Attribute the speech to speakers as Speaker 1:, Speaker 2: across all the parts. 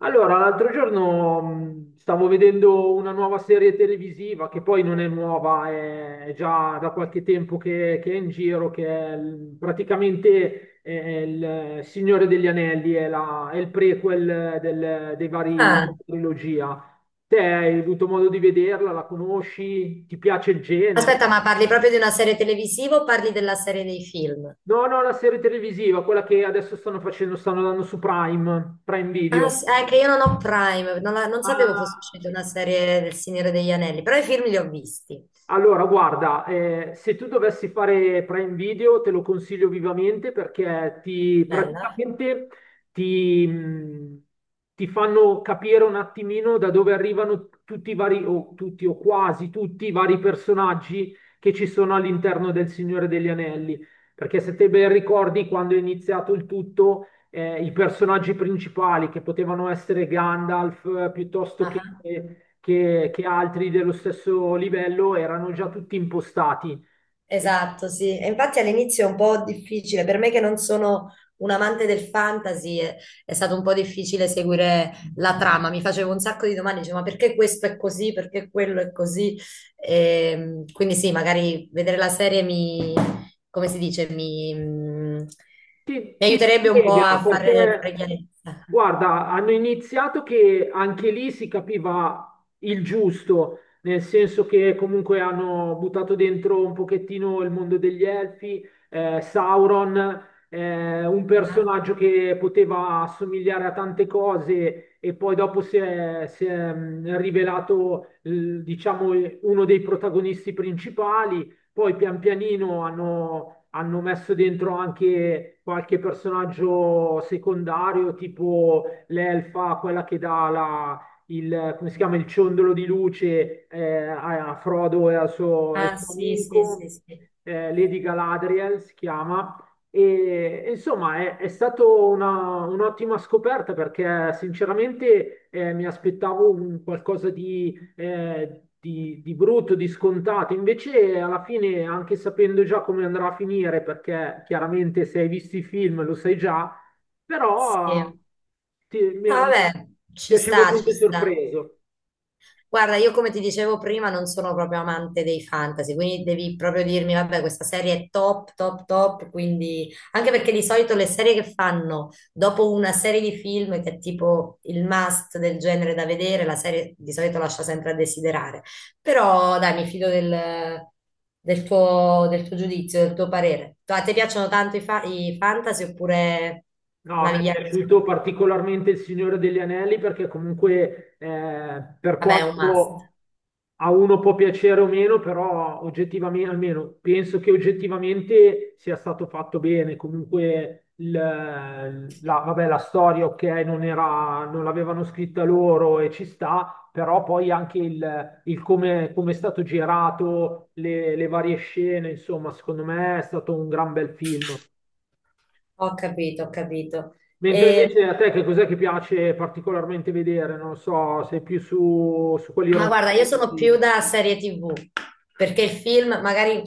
Speaker 1: Allora, l'altro giorno stavo vedendo una nuova serie televisiva che poi non è nuova, è già da qualche tempo che è in giro, praticamente il Signore degli Anelli, è il prequel dei vari
Speaker 2: Ah,
Speaker 1: della trilogia. Te hai avuto modo di vederla, la conosci, ti piace il genere?
Speaker 2: aspetta, ma parli proprio di una serie televisiva o parli della serie dei film?
Speaker 1: No, no, la serie televisiva, quella che adesso stanno facendo, stanno dando su Prime, Prime
Speaker 2: Ah,
Speaker 1: Video.
Speaker 2: sì, è che io non ho Prime, non, la- non sapevo fosse
Speaker 1: Ah.
Speaker 2: uscita una serie del Signore degli Anelli, però i film li ho visti.
Speaker 1: Allora, guarda, se tu dovessi fare Prime Video te lo consiglio vivamente perché ti
Speaker 2: Bella.
Speaker 1: praticamente ti, ti fanno capire un attimino da dove arrivano tutti i vari, o tutti o quasi tutti i vari personaggi che ci sono all'interno del Signore degli Anelli. Perché se te ben ricordi, quando è iniziato il tutto, i personaggi principali che potevano essere Gandalf, piuttosto che altri dello stesso livello erano già tutti impostati. E
Speaker 2: Esatto, sì. E infatti all'inizio è un po' difficile, per me che non sono un amante del fantasy, è stato un po' difficile seguire la trama. Mi facevo un sacco di domande, dicevo, ma perché questo è così? Perché quello è così? Quindi sì, magari vedere la serie mi, come si dice, mi,
Speaker 1: Ti,
Speaker 2: mi
Speaker 1: ti
Speaker 2: aiuterebbe un po'
Speaker 1: spiega
Speaker 2: a fare, fare
Speaker 1: perché,
Speaker 2: chiarezza.
Speaker 1: guarda, hanno iniziato che anche lì si capiva il giusto, nel senso che comunque hanno buttato dentro un pochettino il mondo degli elfi, Sauron, un
Speaker 2: Ah,
Speaker 1: personaggio che poteva assomigliare a tante cose e poi dopo si è, rivelato, diciamo, uno dei protagonisti principali, poi pian pianino hanno messo dentro anche qualche personaggio secondario, tipo l'elfa, quella che dà la, il, come si chiama, il ciondolo di luce, a Frodo e al suo, e al
Speaker 2: ah,
Speaker 1: suo
Speaker 2: sì, sì, sì,
Speaker 1: amico,
Speaker 2: sì.
Speaker 1: Lady Galadriel si chiama. E insomma è stata un'ottima scoperta perché sinceramente mi aspettavo un qualcosa di brutto, di scontato. Invece, alla fine, anche sapendo già come andrà a finire, perché chiaramente se hai visto i film lo sai già, però
Speaker 2: Sì.
Speaker 1: ti- mi ha
Speaker 2: Ah,
Speaker 1: mi ha
Speaker 2: vabbè, ci sta, ci
Speaker 1: piacevolmente
Speaker 2: sta.
Speaker 1: sorpreso.
Speaker 2: Guarda, io come ti dicevo prima non sono proprio amante dei fantasy, quindi devi proprio dirmi, vabbè, questa serie è top, top, top, quindi anche perché di solito le serie che fanno dopo una serie di film che è tipo il must del genere da vedere, la serie di solito lascia sempre a desiderare. Però dai, mi fido del, del tuo giudizio, del tuo parere. A te piacciono tanto i, fa- i fantasy oppure
Speaker 1: No, mi è
Speaker 2: navighi anche su
Speaker 1: piaciuto
Speaker 2: altri?
Speaker 1: particolarmente Il Signore degli Anelli perché comunque per
Speaker 2: Vabbè, è un must.
Speaker 1: quanto a uno può piacere o meno, però oggettivamente, almeno penso che oggettivamente sia stato fatto bene. Comunque la, vabbè, la storia, ok, non era, non l'avevano scritta loro e ci sta, però poi anche il come, è stato girato, le varie scene, insomma, secondo me è stato un gran bel film.
Speaker 2: Ho capito, ho capito.
Speaker 1: Mentre
Speaker 2: E...
Speaker 1: invece a te che cos'è che piace particolarmente vedere? Non lo so, sei più su quelli
Speaker 2: Ma guarda, io sono più
Speaker 1: romantici.
Speaker 2: da serie TV, perché il film, magari,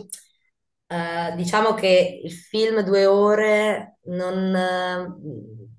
Speaker 2: diciamo che il film 2 ore non...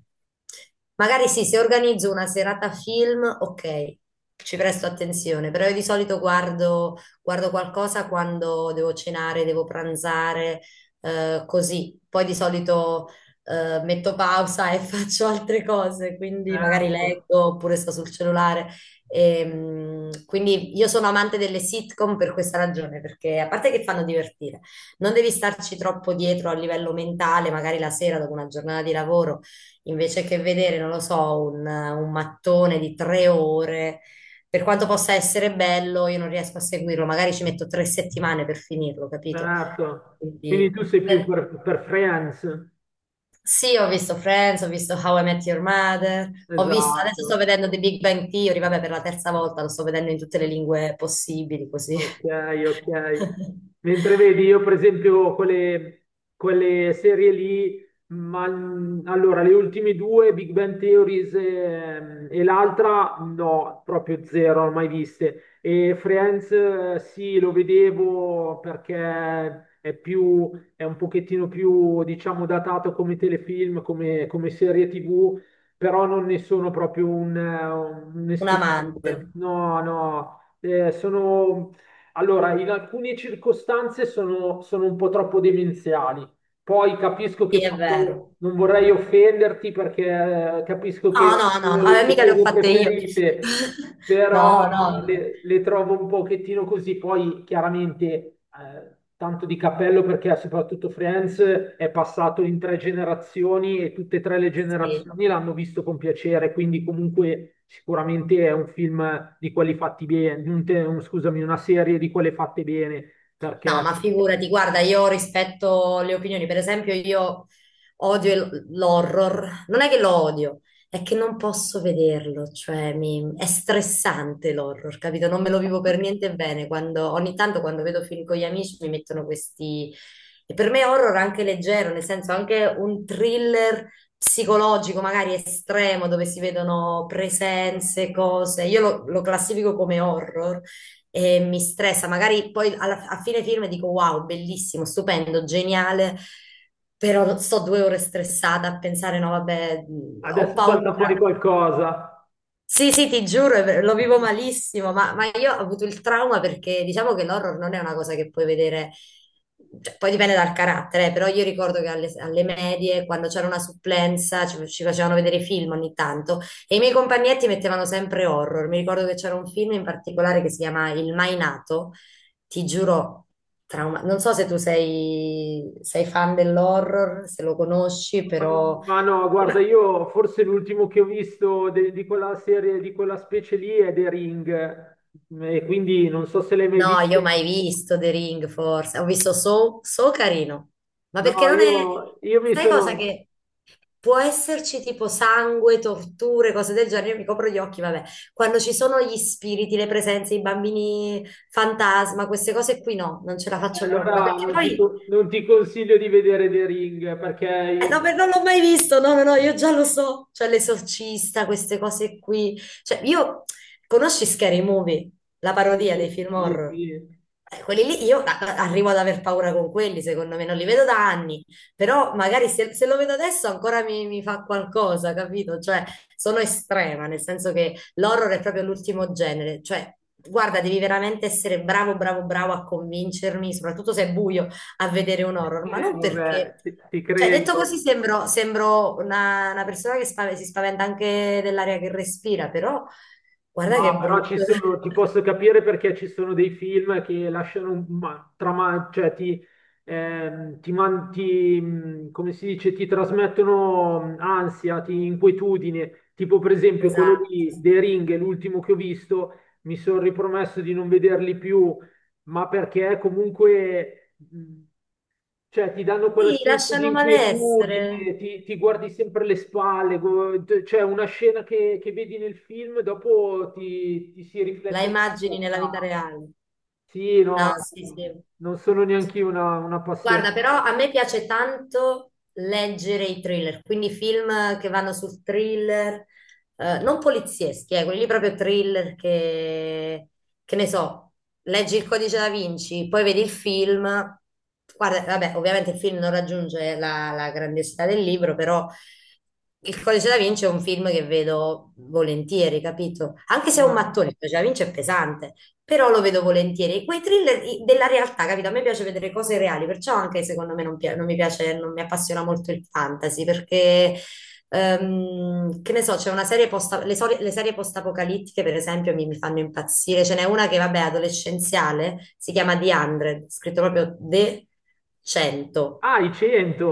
Speaker 2: magari sì, se organizzo una serata film, ok, ci presto attenzione, però io di solito guardo, guardo qualcosa quando devo cenare, devo pranzare, così. Poi di solito, metto pausa e faccio altre cose, quindi magari
Speaker 1: Certo,
Speaker 2: leggo oppure sto sul cellulare. Quindi io sono amante delle sitcom per questa ragione, perché a parte che fanno divertire, non devi starci troppo dietro a livello mentale, magari la sera dopo una giornata di lavoro, invece che vedere, non lo so, un mattone di 3 ore, per quanto possa essere bello, io non riesco a seguirlo, magari ci metto 3 settimane per finirlo, capito?
Speaker 1: certo. Quindi
Speaker 2: Quindi...
Speaker 1: tu sei più
Speaker 2: eh,
Speaker 1: per Friends.
Speaker 2: sì, ho visto Friends, ho visto How I Met Your Mother, ho visto, adesso sto
Speaker 1: Esatto.
Speaker 2: vedendo The Big Bang Theory, vabbè, per la terza volta lo sto vedendo in tutte le lingue possibili, così.
Speaker 1: Ok, ok. Mentre vedi, io per esempio quelle serie lì, ma allora le ultime due, Big Bang Theories, e, l'altra, no, proprio zero, non mai viste. E Friends, sì, lo vedevo perché è più, è un pochettino più, diciamo, datato come telefilm, come serie TV, però non ne sono proprio un
Speaker 2: Un amante,
Speaker 1: estimatore. No, no. Sono allora, in alcune circostanze sono un po' troppo demenziali. Poi capisco che
Speaker 2: sì, è vero.
Speaker 1: non vorrei offenderti perché capisco
Speaker 2: No,
Speaker 1: che
Speaker 2: no, no,
Speaker 1: sono
Speaker 2: no,
Speaker 1: le tue
Speaker 2: mica le ho
Speaker 1: serie
Speaker 2: fatte io.
Speaker 1: preferite,
Speaker 2: No, no,
Speaker 1: però le trovo un pochettino così. Poi chiaramente tanto di cappello perché soprattutto Friends è passato in tre generazioni e tutte e tre le
Speaker 2: sì.
Speaker 1: generazioni l'hanno visto con piacere, quindi comunque sicuramente è un film di quelli fatti bene, scusami, una serie di quelle fatte bene,
Speaker 2: No,
Speaker 1: perché
Speaker 2: ma figurati, guarda, io rispetto le opinioni, per esempio io odio il- l'horror, non è che lo odio, è che non posso vederlo, cioè mi- è stressante l'horror, capito? Non me lo vivo per niente bene, quando, ogni tanto quando vedo film con gli amici mi mettono questi... E per me horror anche leggero, nel senso anche un thriller psicologico, magari estremo, dove si vedono presenze, cose, io lo classifico come horror e mi stressa. Magari poi alla- a fine film dico wow, bellissimo, stupendo, geniale, però sto 2 ore stressata a pensare, no, vabbè, ho
Speaker 1: adesso
Speaker 2: paura.
Speaker 1: salta fuori qualcosa.
Speaker 2: Sì, sì, ti giuro, è ver- lo vivo malissimo, ma io ho avuto il trauma perché diciamo che l'horror non è una cosa che puoi vedere, cioè, poi dipende dal carattere, però io ricordo che alle, alle medie, quando c'era una supplenza, ci facevano vedere film ogni tanto e i miei compagnetti mettevano sempre horror. Mi ricordo che c'era un film in particolare che si chiama Il Mai Nato, ti giuro, trauma. Non so se sei fan dell'horror, se lo conosci, però...
Speaker 1: Ma no, guarda, io forse l'ultimo che ho visto di quella serie, di quella specie lì è The Ring, e quindi non so se l'hai mai
Speaker 2: No,
Speaker 1: visto.
Speaker 2: io ho mai visto The Ring, forse. Ho visto So, So carino. Ma
Speaker 1: No,
Speaker 2: perché non è...
Speaker 1: io mi
Speaker 2: Sai
Speaker 1: sono.
Speaker 2: cosa che... Può esserci tipo sangue, torture, cose del genere, io mi copro gli occhi, vabbè. Quando ci sono gli spiriti, le presenze, i bambini fantasma, queste cose qui no, non ce la faccio proprio. Ma
Speaker 1: Allora
Speaker 2: perché
Speaker 1: non ti,
Speaker 2: poi
Speaker 1: co- non ti consiglio di vedere The Ring, perché.
Speaker 2: no, beh, non l'ho mai visto, no, no, no, io già lo so, cioè l'esorcista, queste cose qui, cioè io, conosci Scary Movie, la
Speaker 1: Sì,
Speaker 2: parodia dei film
Speaker 1: sì,
Speaker 2: horror?
Speaker 1: sì.
Speaker 2: Quelli lì, io a- a- arrivo ad aver paura con quelli, secondo me, non li vedo da anni, però magari se lo vedo adesso ancora mi, mi fa qualcosa, capito? Cioè, sono estrema, nel senso che l'horror è proprio l'ultimo genere, cioè, guarda, devi veramente essere bravo, bravo, bravo a convincermi, soprattutto se è buio, a vedere un horror, ma non perché...
Speaker 1: Vabbè, ti
Speaker 2: Cioè, detto così
Speaker 1: credo.
Speaker 2: sembro, sembro una persona che spav- si spaventa anche dell'aria che respira, però guarda
Speaker 1: No,
Speaker 2: che
Speaker 1: però ci
Speaker 2: brutto.
Speaker 1: sono, ti posso capire perché ci sono dei film che lasciano un trama, cioè ti, ti man- ti, come si dice, ti trasmettono ansia, inquietudine. Tipo, per esempio, quello
Speaker 2: Esatto,
Speaker 1: di The
Speaker 2: sì.
Speaker 1: Ring, l'ultimo che ho visto, mi sono ripromesso di non vederli più, ma perché comunque cioè, ti danno quel
Speaker 2: Sì,
Speaker 1: senso di
Speaker 2: lasciano malessere,
Speaker 1: inquietudine, ti, guardi sempre le spalle, cioè una scena che vedi nel film, dopo ti si riflette
Speaker 2: la
Speaker 1: nella
Speaker 2: immagini nella vita
Speaker 1: testa.
Speaker 2: reale.
Speaker 1: Sì,
Speaker 2: No,
Speaker 1: no,
Speaker 2: sì, sì.
Speaker 1: non sono neanche io una, un
Speaker 2: Guarda,
Speaker 1: appassionato.
Speaker 2: però a me piace tanto leggere i thriller, quindi film che vanno sul thriller, non polizieschi, quelli lì proprio thriller che ne so, leggi il Codice da Vinci, poi vedi il film, guarda, vabbè, ovviamente il film non raggiunge la, la grandiosità del libro, però il Codice da Vinci è un film che vedo volentieri, capito? Anche se è un mattone, il Codice da Vinci è pesante però lo vedo volentieri. Quei thriller i- della realtà, capito? A me piace vedere cose reali, perciò anche secondo me non, pia- non mi piace, non mi appassiona molto il fantasy, perché, che ne so, c'è una serie post, le, sori- le serie post-apocalittiche, per esempio, mi fanno impazzire. Ce n'è una che, vabbè, è adolescenziale, si chiama The 100, scritto proprio The 100.
Speaker 1: Ah, i 100!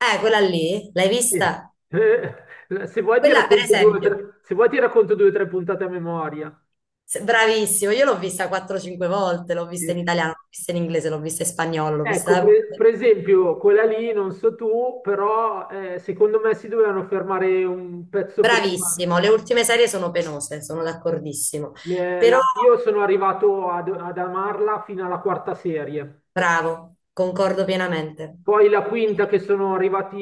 Speaker 2: Quella lì, l'hai
Speaker 1: Sì.
Speaker 2: vista?
Speaker 1: Se vuoi ti
Speaker 2: Quella, per
Speaker 1: racconto due o
Speaker 2: esempio,
Speaker 1: tre, se vuoi ti racconto due o tre puntate a memoria.
Speaker 2: se- bravissimo, io l'ho vista 4-5 volte, l'ho vista in
Speaker 1: Sì.
Speaker 2: italiano, l'ho vista in inglese, l'ho vista in spagnolo, l'ho
Speaker 1: Ecco,
Speaker 2: vista...
Speaker 1: per esempio, quella lì, non so tu, però secondo me si dovevano fermare un pezzo prima.
Speaker 2: Bravissimo, le ultime serie sono penose, sono d'accordissimo. Però,
Speaker 1: Io sono arrivato ad amarla fino alla quarta serie,
Speaker 2: bravo, concordo pienamente.
Speaker 1: poi la quinta che sono arrivati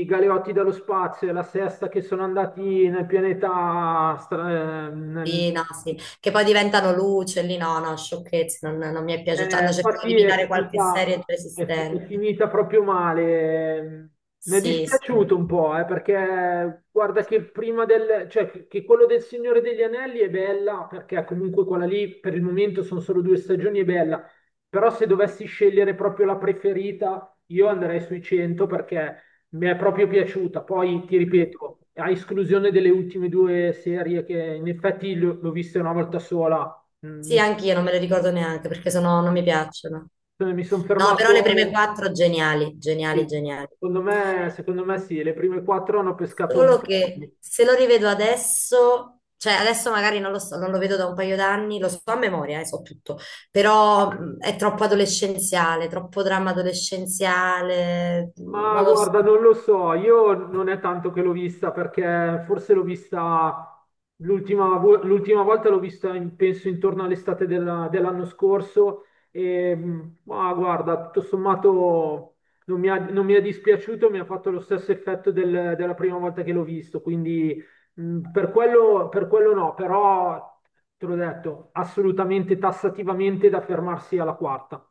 Speaker 1: i Galeotti dallo spazio e la sesta che sono andati nel pianeta, stra- nel
Speaker 2: Sì, no, sì. Che poi diventano luce, lì no, no, sciocchezze, non, non mi è piaciuto. Cioè,
Speaker 1: eh,
Speaker 2: hanno cercato di
Speaker 1: infatti è
Speaker 2: imitare qualche
Speaker 1: finita,
Speaker 2: serie già
Speaker 1: è
Speaker 2: esistente.
Speaker 1: finita proprio male. Mi è
Speaker 2: Sì, sì.
Speaker 1: dispiaciuto un po', perché guarda che prima cioè che quello del Signore degli Anelli è bella, perché comunque quella lì per il momento sono solo due stagioni, è bella. Però se dovessi scegliere proprio la preferita, io andrei sui 100 perché mi è proprio piaciuta. Poi ti
Speaker 2: Mm.
Speaker 1: ripeto, a esclusione delle ultime due serie che in effetti l'ho vista una volta sola. mm,
Speaker 2: Sì,
Speaker 1: mi
Speaker 2: anch'io non me le ricordo neanche perché sono, non mi piacciono.
Speaker 1: eh, Mi sono
Speaker 2: No, però le prime
Speaker 1: fermato,
Speaker 2: quattro geniali, geniali,
Speaker 1: sì.
Speaker 2: geniali.
Speaker 1: Secondo me sì, le prime quattro hanno pescato un
Speaker 2: Solo
Speaker 1: po'.
Speaker 2: che se lo rivedo adesso, cioè adesso magari non lo so, non lo vedo da un paio d'anni, lo so a memoria, so tutto, però è troppo adolescenziale, troppo dramma adolescenziale,
Speaker 1: Ma
Speaker 2: non lo so.
Speaker 1: guarda, non lo so, io non è tanto che l'ho vista perché forse l'ho vista l'ultima volta l'ho vista penso intorno all'estate dell'anno scorso e ma guarda, tutto sommato non mi ha, non mi è dispiaciuto, mi ha fatto lo stesso effetto della prima volta che l'ho visto, quindi per quello no, però te l'ho detto, assolutamente tassativamente da fermarsi alla quarta.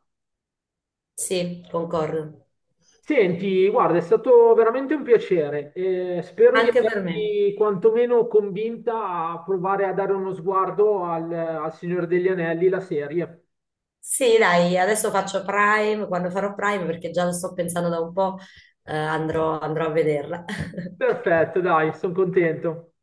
Speaker 2: Sì, concordo.
Speaker 1: Senti, guarda, è stato veramente un piacere. Spero di
Speaker 2: Anche per me.
Speaker 1: averti quantomeno convinta a provare a dare uno sguardo al Signore degli Anelli, la serie.
Speaker 2: Sì, dai, adesso faccio Prime, quando farò Prime, perché già lo sto pensando da un po', andrò andrò a vederla.
Speaker 1: Perfetto, dai, sono contento.